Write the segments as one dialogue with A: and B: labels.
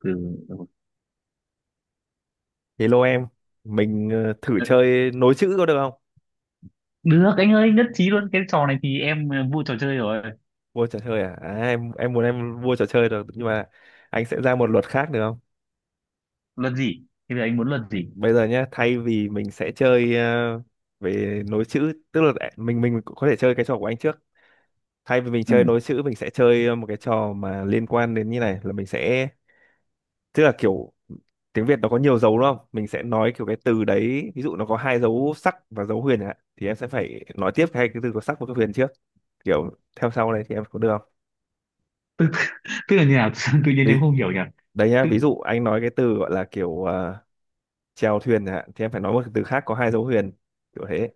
A: Ừ.
B: Hello em, mình thử chơi nối chữ có được không?
A: Được anh ơi, nhất trí luôn, cái trò này thì em vui trò chơi rồi.
B: Vua trò chơi à? À, em muốn em vua trò chơi được nhưng mà anh sẽ ra một luật khác được không?
A: Luật gì? Bây giờ anh muốn luật gì?
B: Bây giờ nhá, thay vì mình sẽ chơi về nối chữ, tức là mình có thể chơi cái trò của anh trước. Thay vì mình
A: Ừ.
B: chơi nối chữ, mình sẽ chơi một cái trò mà liên quan đến như này là mình sẽ tức là kiểu tiếng Việt nó có nhiều dấu đúng không? Mình sẽ nói kiểu cái từ đấy, ví dụ nó có hai dấu sắc và dấu huyền ạ, thì em sẽ phải nói tiếp cái từ có sắc và cái huyền trước, kiểu theo sau này thì em có được không?
A: Tức là như nào? Sao tự nhiên
B: Ví,
A: em không hiểu nhỉ?
B: đấy nhá,
A: Tức
B: ví dụ anh nói cái từ gọi là kiểu à, chèo thuyền chẳng hạn thì em phải nói một cái từ khác có hai dấu huyền, kiểu thế.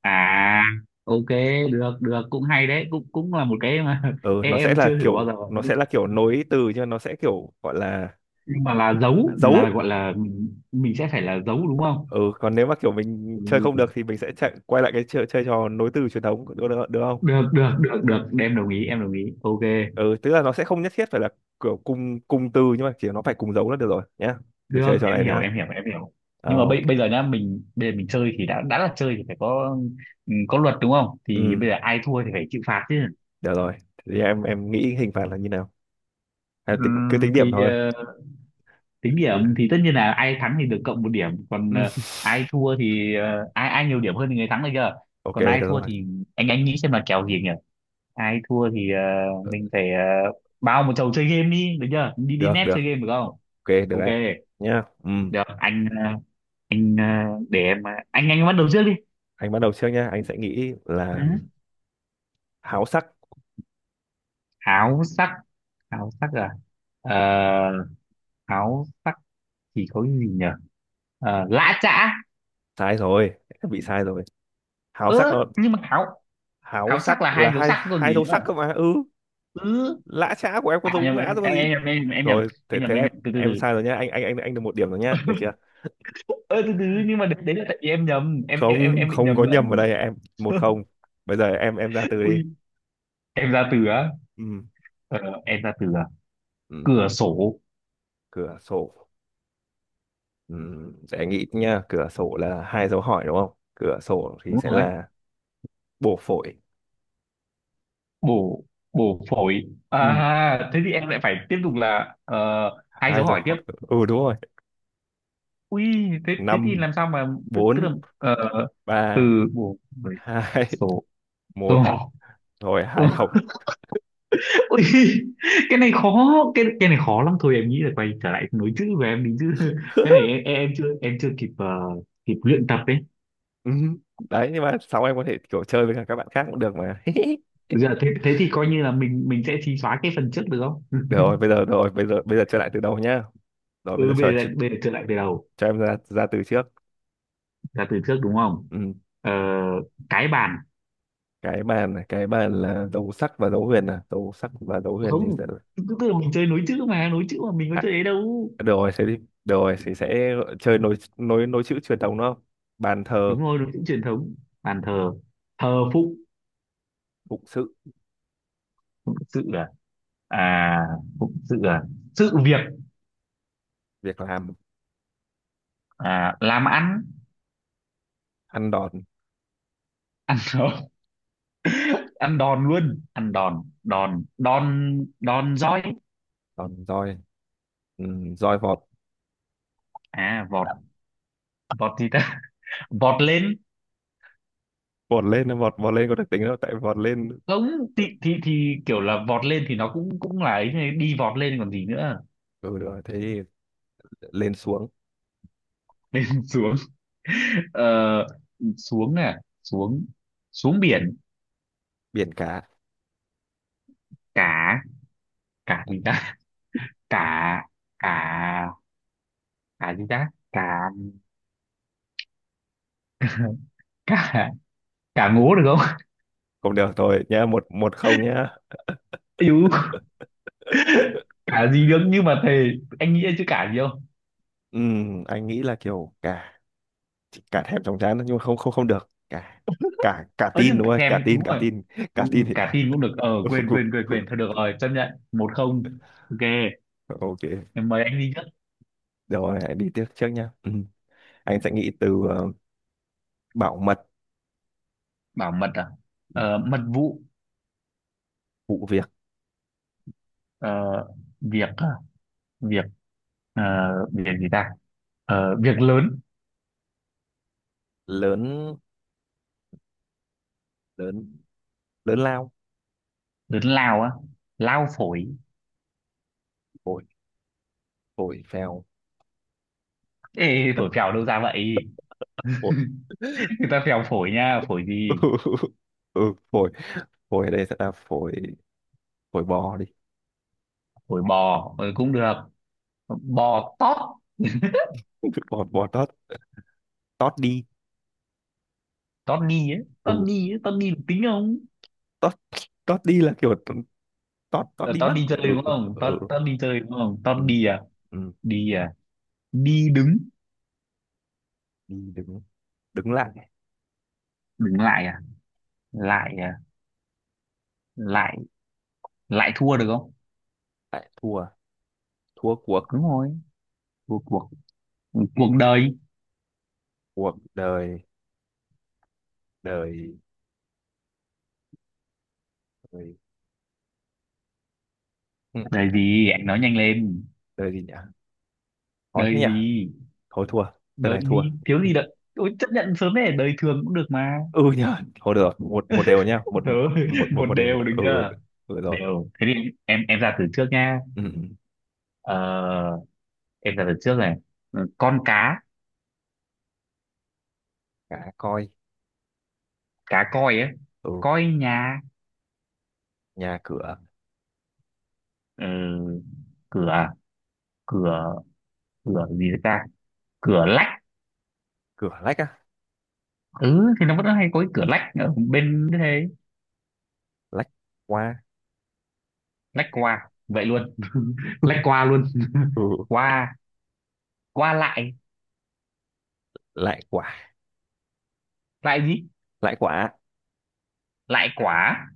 A: à? Ok, được được, cũng hay đấy, cũng cũng là một cái mà
B: Ừ,
A: em,
B: nó sẽ
A: em
B: là
A: chưa thử bao
B: kiểu,
A: giờ
B: nó sẽ là kiểu nối từ nhưng nó sẽ kiểu gọi là
A: nhưng mà là giấu, là
B: dấu.
A: gọi là mình sẽ phải là giấu đúng không?
B: Ừ, còn nếu mà kiểu mình chơi không
A: Ừ.
B: được thì mình sẽ chạy quay lại cái chơi, chơi trò nối từ truyền thống được không?
A: Được được được được, em đồng ý em đồng ý, ok.
B: Ừ, tức là nó sẽ không nhất thiết phải là kiểu cùng cùng từ nhưng mà chỉ nó phải cùng dấu là được rồi nhá. Thử
A: Được,
B: chơi trò
A: em
B: này
A: hiểu
B: nhá.
A: em hiểu em hiểu. Nhưng mà
B: À,
A: bây
B: ok.
A: bây giờ nhá, mình bây giờ mình chơi thì đã là chơi thì phải có, ừ, có luật đúng không? Thì
B: Ừ,
A: bây giờ ai thua thì phải chịu phạt chứ.
B: được rồi. Thế thì em nghĩ hình phạt là như nào? À, tính, cứ
A: Ừm,
B: tính điểm
A: thì
B: thôi.
A: ờ, tính điểm thì tất nhiên là ai thắng thì được cộng một điểm, còn
B: Ừ.
A: ai thua thì ai ai nhiều điểm hơn thì người thắng được chưa?
B: Ok,
A: Còn
B: được
A: ai thua
B: rồi.
A: thì anh nghĩ xem là kèo gì nhỉ? Ai thua thì mình phải bao một chầu chơi game đi được chưa, đi đi
B: Được
A: net
B: được.
A: chơi game được không?
B: Ok, được
A: Ok,
B: đấy. Nhá. Ừ.
A: được anh anh để em anh bắt đầu trước
B: Anh bắt đầu trước nhá. Anh sẽ nghĩ là
A: đi.
B: háo sắc.
A: Áo sắc. Áo sắc à? ờ, áo sắc thì có cái gì nhỉ? Lã chã.
B: Sai rồi. Bị sai rồi. Háo
A: Ớ,
B: sắc nó,
A: nhưng mà áo,
B: háo
A: áo sắc là
B: sắc là
A: hai dấu
B: hai
A: sắc còn
B: hai
A: gì
B: dấu sắc
A: nữa?
B: cơ mà. Ừ.
A: Ừ.
B: Lã chã của em có
A: À
B: dấu
A: nhầm,
B: ngã rồi
A: em
B: còn gì.
A: em em em em nhầm,
B: Rồi, thế
A: em nhầm
B: thế
A: em
B: em
A: nhầm từ từ
B: em
A: từ
B: sai rồi nhá. Anh được một điểm rồi nhá. Được chưa?
A: Ơ từ từ, nhưng mà đấy, đấy là tại vì em nhầm, em em em
B: Không,
A: em bị
B: không
A: nhầm
B: có nhầm ở
A: lẫn.
B: đây em. Một không. Bây giờ em ra từ
A: Ui,
B: đi.
A: em ra từ á.
B: Ừ.
A: ờ, em ra từ à?
B: Ừ.
A: Cửa sổ.
B: Cửa sổ. Ừ. Để anh nghĩ nhá. Cửa sổ là hai dấu hỏi đúng không? Cửa sổ thì
A: Đúng
B: sẽ
A: rồi.
B: là bổ phổi.
A: Bổ bổ phổi
B: Ừ.
A: à? Thế thì em lại phải tiếp tục là hai
B: Hai
A: dấu
B: dấu
A: hỏi tiếp.
B: hỏi. Ừ, đúng rồi.
A: Ui, thế thế thì
B: Năm,
A: làm sao mà tức
B: bốn,
A: là ờ, từ
B: ba,
A: bộ bảy
B: hai,
A: số
B: một,
A: rồi.
B: rồi hai không.
A: Ui, cái này khó, cái này khó lắm. Thôi em nghĩ là quay trở lại nối chữ của em đi chứ. Cái này em chưa kịp kịp luyện tập đấy.
B: Ừ, đấy nhưng mà sau em có thể kiểu chơi với cả các bạn khác cũng được mà.
A: Dạ thế thế thì coi như là mình sẽ xí xóa cái phần trước được không?
B: Được rồi bây giờ, rồi bây giờ, bây giờ chơi lại từ đầu nhá. Rồi
A: Ừ
B: bây giờ
A: bây giờ trở lại từ đầu,
B: cho em ra ra từ trước.
A: là từ trước đúng không?
B: Ừ.
A: Ờ, cái bàn.
B: Cái bàn này, cái bàn là dấu sắc và dấu huyền, à dấu sắc và dấu huyền
A: Không,
B: thì sẽ,
A: tức tức là mình chơi nối chữ, mà nối chữ mà mình có
B: à,
A: chơi ấy đâu.
B: được rồi thế đi, được rồi thì sẽ chơi nối nối nối chữ truyền thống đúng không? Bàn thờ,
A: Đúng rồi, nó cũng truyền thống. Bàn thờ. Thờ phụng.
B: phụng sự,
A: Phụng sự à? À, phụng sự à? Sự việc.
B: việc làm,
A: À, làm ăn.
B: ăn đòn,
A: Rồi, ăn đòn, luôn ăn đòn, đòn roi.
B: đòn roi. Ừ, roi vọt,
A: À vọt, vọt gì ta? Vọt lên.
B: vọt lên, vọt vọt lên có được tính đâu tại vọt lên.
A: Không thì, thì kiểu là vọt lên thì nó cũng cũng là ấy, thế đi vọt lên còn gì nữa.
B: Ừ rồi thế thì lên xuống,
A: Xuống, ờ, xuống à, xuống, xuống biển
B: biển cả.
A: cả. Cả gì ta? Cả, cả cả gì ta? Cả, cả, cả ngố được không?
B: Cũng được thôi nhá, một một không nhá.
A: Ây, cả gì được nhưng mà thề, anh nghĩ chứ cả gì không?
B: Anh nghĩ là kiểu cả, cả thèm chóng chán nhưng mà không không không được, cả cả cả
A: Ơ
B: tin
A: chứ
B: đúng không, cả
A: thèm
B: tin,
A: đúng
B: cả
A: rồi.
B: tin.
A: Ừ,
B: Cả
A: ừ,
B: tin thì
A: cả tin cũng được, ờ
B: được.
A: quên quên thôi, được rồi, chấp nhận một không. Ok,
B: Ok.
A: em mời anh đi trước.
B: Rồi hãy đi tiếp trước nhá. Anh sẽ nghĩ từ bảo mật,
A: Bảo mật à? Mật vụ.
B: vụ việc
A: ờ, việc à? Việc, ờ, việc gì ta? Việc lớn.
B: lớn, lớn lớn lao,
A: Lớn lao á. Lao phổi.
B: phổi, phổi phèo,
A: Ê phổi phèo đâu ra vậy?
B: phổi.
A: Người ta phèo phổi nha, phổi gì?
B: Ừ, ừ, phổi. Phổi ở đây sẽ là phổi, phổi bò đi.
A: Phổi bò, cũng được. Bò tót.
B: Bò bò tót, tót đi.
A: Tót đi ấy,
B: Ừ,
A: tót ni ấy, tót ni được tính không?
B: tót tót đi là kiểu tót tót
A: Ờ,
B: đi
A: tao
B: mất.
A: đi chơi
B: Ừ
A: đúng không?
B: ừ
A: Tao tao đi chơi đúng không?
B: ừ
A: Tao
B: ừ
A: đi à?
B: ừ.
A: Đi à? Đi đứng,
B: Đi đứng, đứng lại,
A: đứng lại à? Lại à? Lại, lại thua được không?
B: lại thua, thua cuộc,
A: Đúng rồi, cuộc cuộc cuộc đời.
B: cuộc đời, đời đời, ừ,
A: Đời gì? Anh nói nhanh lên.
B: đời gì nhỉ, khó thế
A: Đời
B: nhỉ,
A: gì?
B: thôi thua, đời
A: Đời
B: này thua.
A: gì? Thiếu gì đợi? Ôi, chấp nhận sớm này, đời thường cũng được mà.
B: Ừ nhỉ. Thôi được, một một đều nhá, một,
A: Rồi,
B: một một
A: một
B: một đều,
A: đều được
B: ừ
A: chưa?
B: ừ rồi,
A: Đều. Thế thì em ra từ trước nha.
B: ừ ừ.
A: Ờ, em ra từ trước này. Ừ, con cá.
B: Cá coi.
A: Cá coi ấy.
B: Ừ,
A: Coi nhà.
B: nhà cửa.
A: Ừ, cửa à? Cửa, cửa gì đấy ta? Cửa lách.
B: Cửa lách á,
A: Ừ thì nó vẫn hay có cái cửa lách ở bên thế.
B: lách qua.
A: Lách qua vậy luôn. Lách qua luôn.
B: Ừ,
A: Qua, qua lại.
B: lại quá.
A: Lại gì?
B: Lãi quả.
A: Lại quả.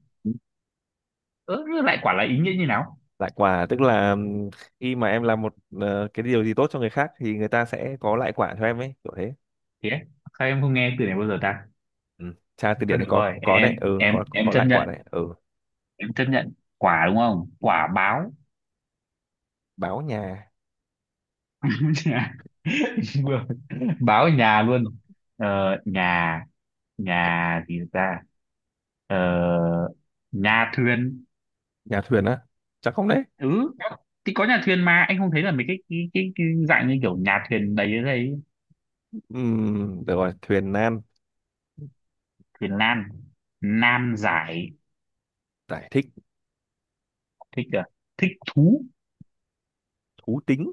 A: Ừ, lại quả là ý nghĩa như nào?
B: Lãi quả tức là, khi mà em làm một cái điều gì tốt cho người khác thì người ta sẽ có lãi quả cho em ấy, kiểu thế.
A: Thế sao em không nghe từ này bao giờ ta?
B: Ừ. Tra từ điển
A: Thôi
B: này
A: được rồi,
B: có
A: em
B: đấy, ừ,
A: em em
B: có
A: chấp
B: lãi quả đấy.
A: nhận,
B: Ừ,
A: em chấp nhận. Quả đúng không, quả báo.
B: báo nhà,
A: Vừa- báo ở nhà luôn. Ờ, nhà, nhà gì ta? Ờ, nhà thuyền.
B: nhà thuyền á, chắc không đấy.
A: Ừ thì có nhà thuyền mà, anh không thấy là mấy cái cái dạng như kiểu nhà thuyền đấy đấy.
B: Được rồi, thuyền nan,
A: Thuyền nan. Nan giải.
B: giải thích,
A: Thích à? Thích thú.
B: thú tính,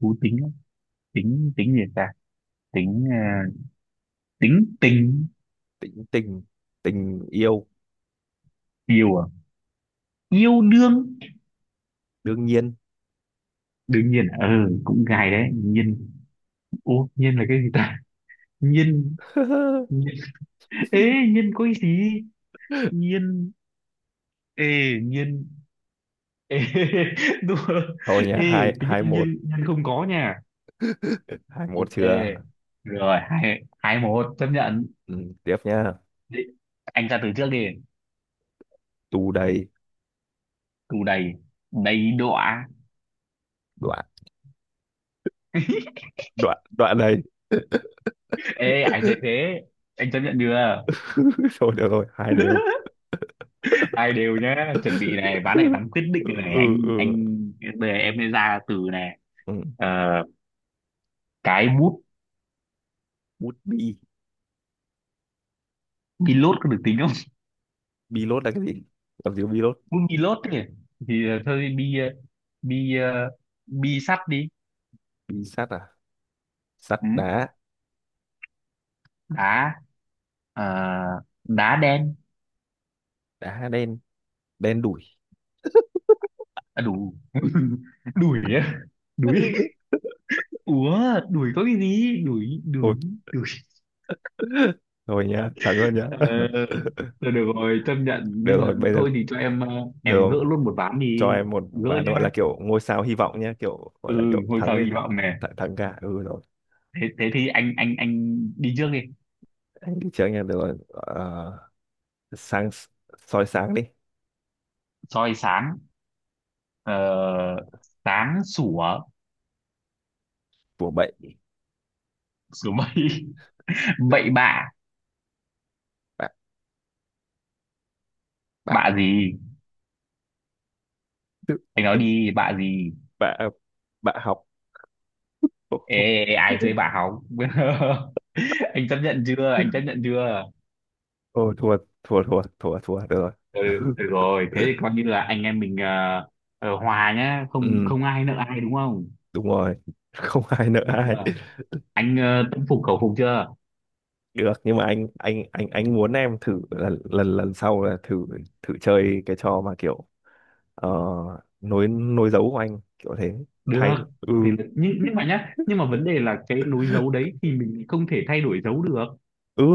A: Thú tính á. Tính, tính gì ta? Tính tính tình.
B: tình, tình yêu,
A: Yêu à? Yêu đương.
B: đương nhiên.
A: Đương nhiên à? Ừ cũng gài đấy, nhiên, ô nhiên là cái gì ta? Nhiên, nhiên, ê nhiên có cái gì? Nhiên, ê nhiên, ê. Đúng rồi.
B: Thôi nhá, hai
A: Ê tính
B: hai một,
A: nhiên, nhiên không có nha.
B: hai một
A: Ok,
B: chưa.
A: rồi hai hai một, chấp nhận.
B: Ừ, tiếp nhá.
A: Đi. Anh ra từ trước đi.
B: Tù đầy,
A: Tù đầy. Đầy đọa.
B: đoạn, đoạn đoạn đầy.
A: Ê ai chơi thế, anh chấp nhận chưa?
B: Thôi được rồi, hai đều.
A: Hai đều nhá,
B: Ừ
A: chuẩn bị này, ván này, ván quyết định này này.
B: ừ
A: anh
B: ừ.
A: anh bây giờ em sẽ ra từ này.
B: Ừ.
A: Ờ, cái bút.
B: Bút bi.
A: Pilot có được tính không?
B: Bi lốt là cái gì? Làm gì có bi lốt.
A: Bút pilot thì thôi bi bi bi sắt đi.
B: Bi sắt à, sắt
A: Ừ.
B: đá,
A: Đá, ờ, đá đen.
B: đá đen, đen đủi
A: À, đủ. Đuổi á, đuổi. Ủa, đuổi có cái gì? Đuổi,
B: thôi.
A: đuổi, đuổi.
B: Thôi nhá, thắng rồi nhá.
A: Ờ, rồi được rồi, chấp nhận. Nhưng
B: Được rồi
A: mà
B: bây giờ,
A: thôi thì cho em
B: được
A: em gỡ
B: rồi.
A: luôn một ván
B: Cho
A: đi.
B: em một
A: Gỡ
B: ván gọi
A: nha.
B: là kiểu ngôi sao hy vọng nhá, kiểu
A: Ừ,
B: gọi là kiểu
A: ngôi
B: thắng
A: sao
B: thì
A: hy
B: thắng,
A: vọng này.
B: thắng, thắng cả. Ừ rồi.
A: Thế, thế thì anh đi trước đi.
B: Anh đi trước nha, được rồi. Ờ, sáng, soi sáng đi,
A: Soi sáng. Ờ, sáng sủa.
B: của bệnh,
A: Sủa mây. Bậy bạ.
B: bạn, bạn,
A: Bạ gì? Anh nói đi, bạ gì?
B: bạn, bạn học.
A: Ê, ai chơi bạ hóng? Anh chấp nhận chưa? Anh chấp nhận chưa?
B: Ôi thua, thua thua thua thua được rồi.
A: Ừ, được rồi thế thì coi như là anh em mình hòa nhá, không
B: Ừ,
A: không ai nợ ai đúng không?
B: đúng rồi. Không ai nợ
A: Được
B: ai.
A: chưa? Anh tâm phục khẩu phục chưa?
B: Được, nhưng mà anh muốn em thử lần lần lần sau là thử, thử chơi cái trò mà kiểu ờ, nối nối dấu của anh kiểu thế,
A: Được
B: thay. Ừ,
A: thì, nhưng mà nhá, nhưng mà vấn đề là cái nối dấu đấy thì mình không thể thay đổi dấu được.
B: ừ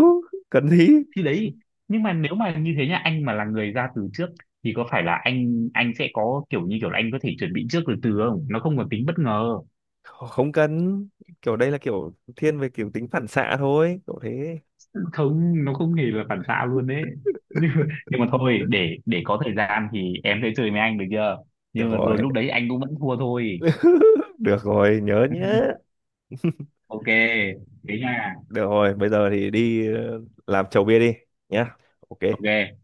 B: cần gì,
A: Thì đấy, nhưng mà nếu mà như thế nhá, anh mà là người ra từ trước thì có phải là anh sẽ có kiểu như kiểu là anh có thể chuẩn bị trước từ từ không, nó không còn tính bất ngờ.
B: không cần, kiểu đây là kiểu thiên về kiểu tính phản xạ thôi, kiểu thế.
A: Không nó không hề là phản xạ luôn đấy. nhưng nhưng mà thôi, để có thời gian thì em sẽ chơi với anh được chưa.
B: Được
A: Nhưng mà
B: rồi.
A: rồi lúc đấy anh cũng vẫn thua thôi.
B: Được rồi nhớ nhé.
A: Ok, thế nha.
B: Được rồi bây giờ thì đi làm chầu bia đi nhá. Ok.
A: Ok.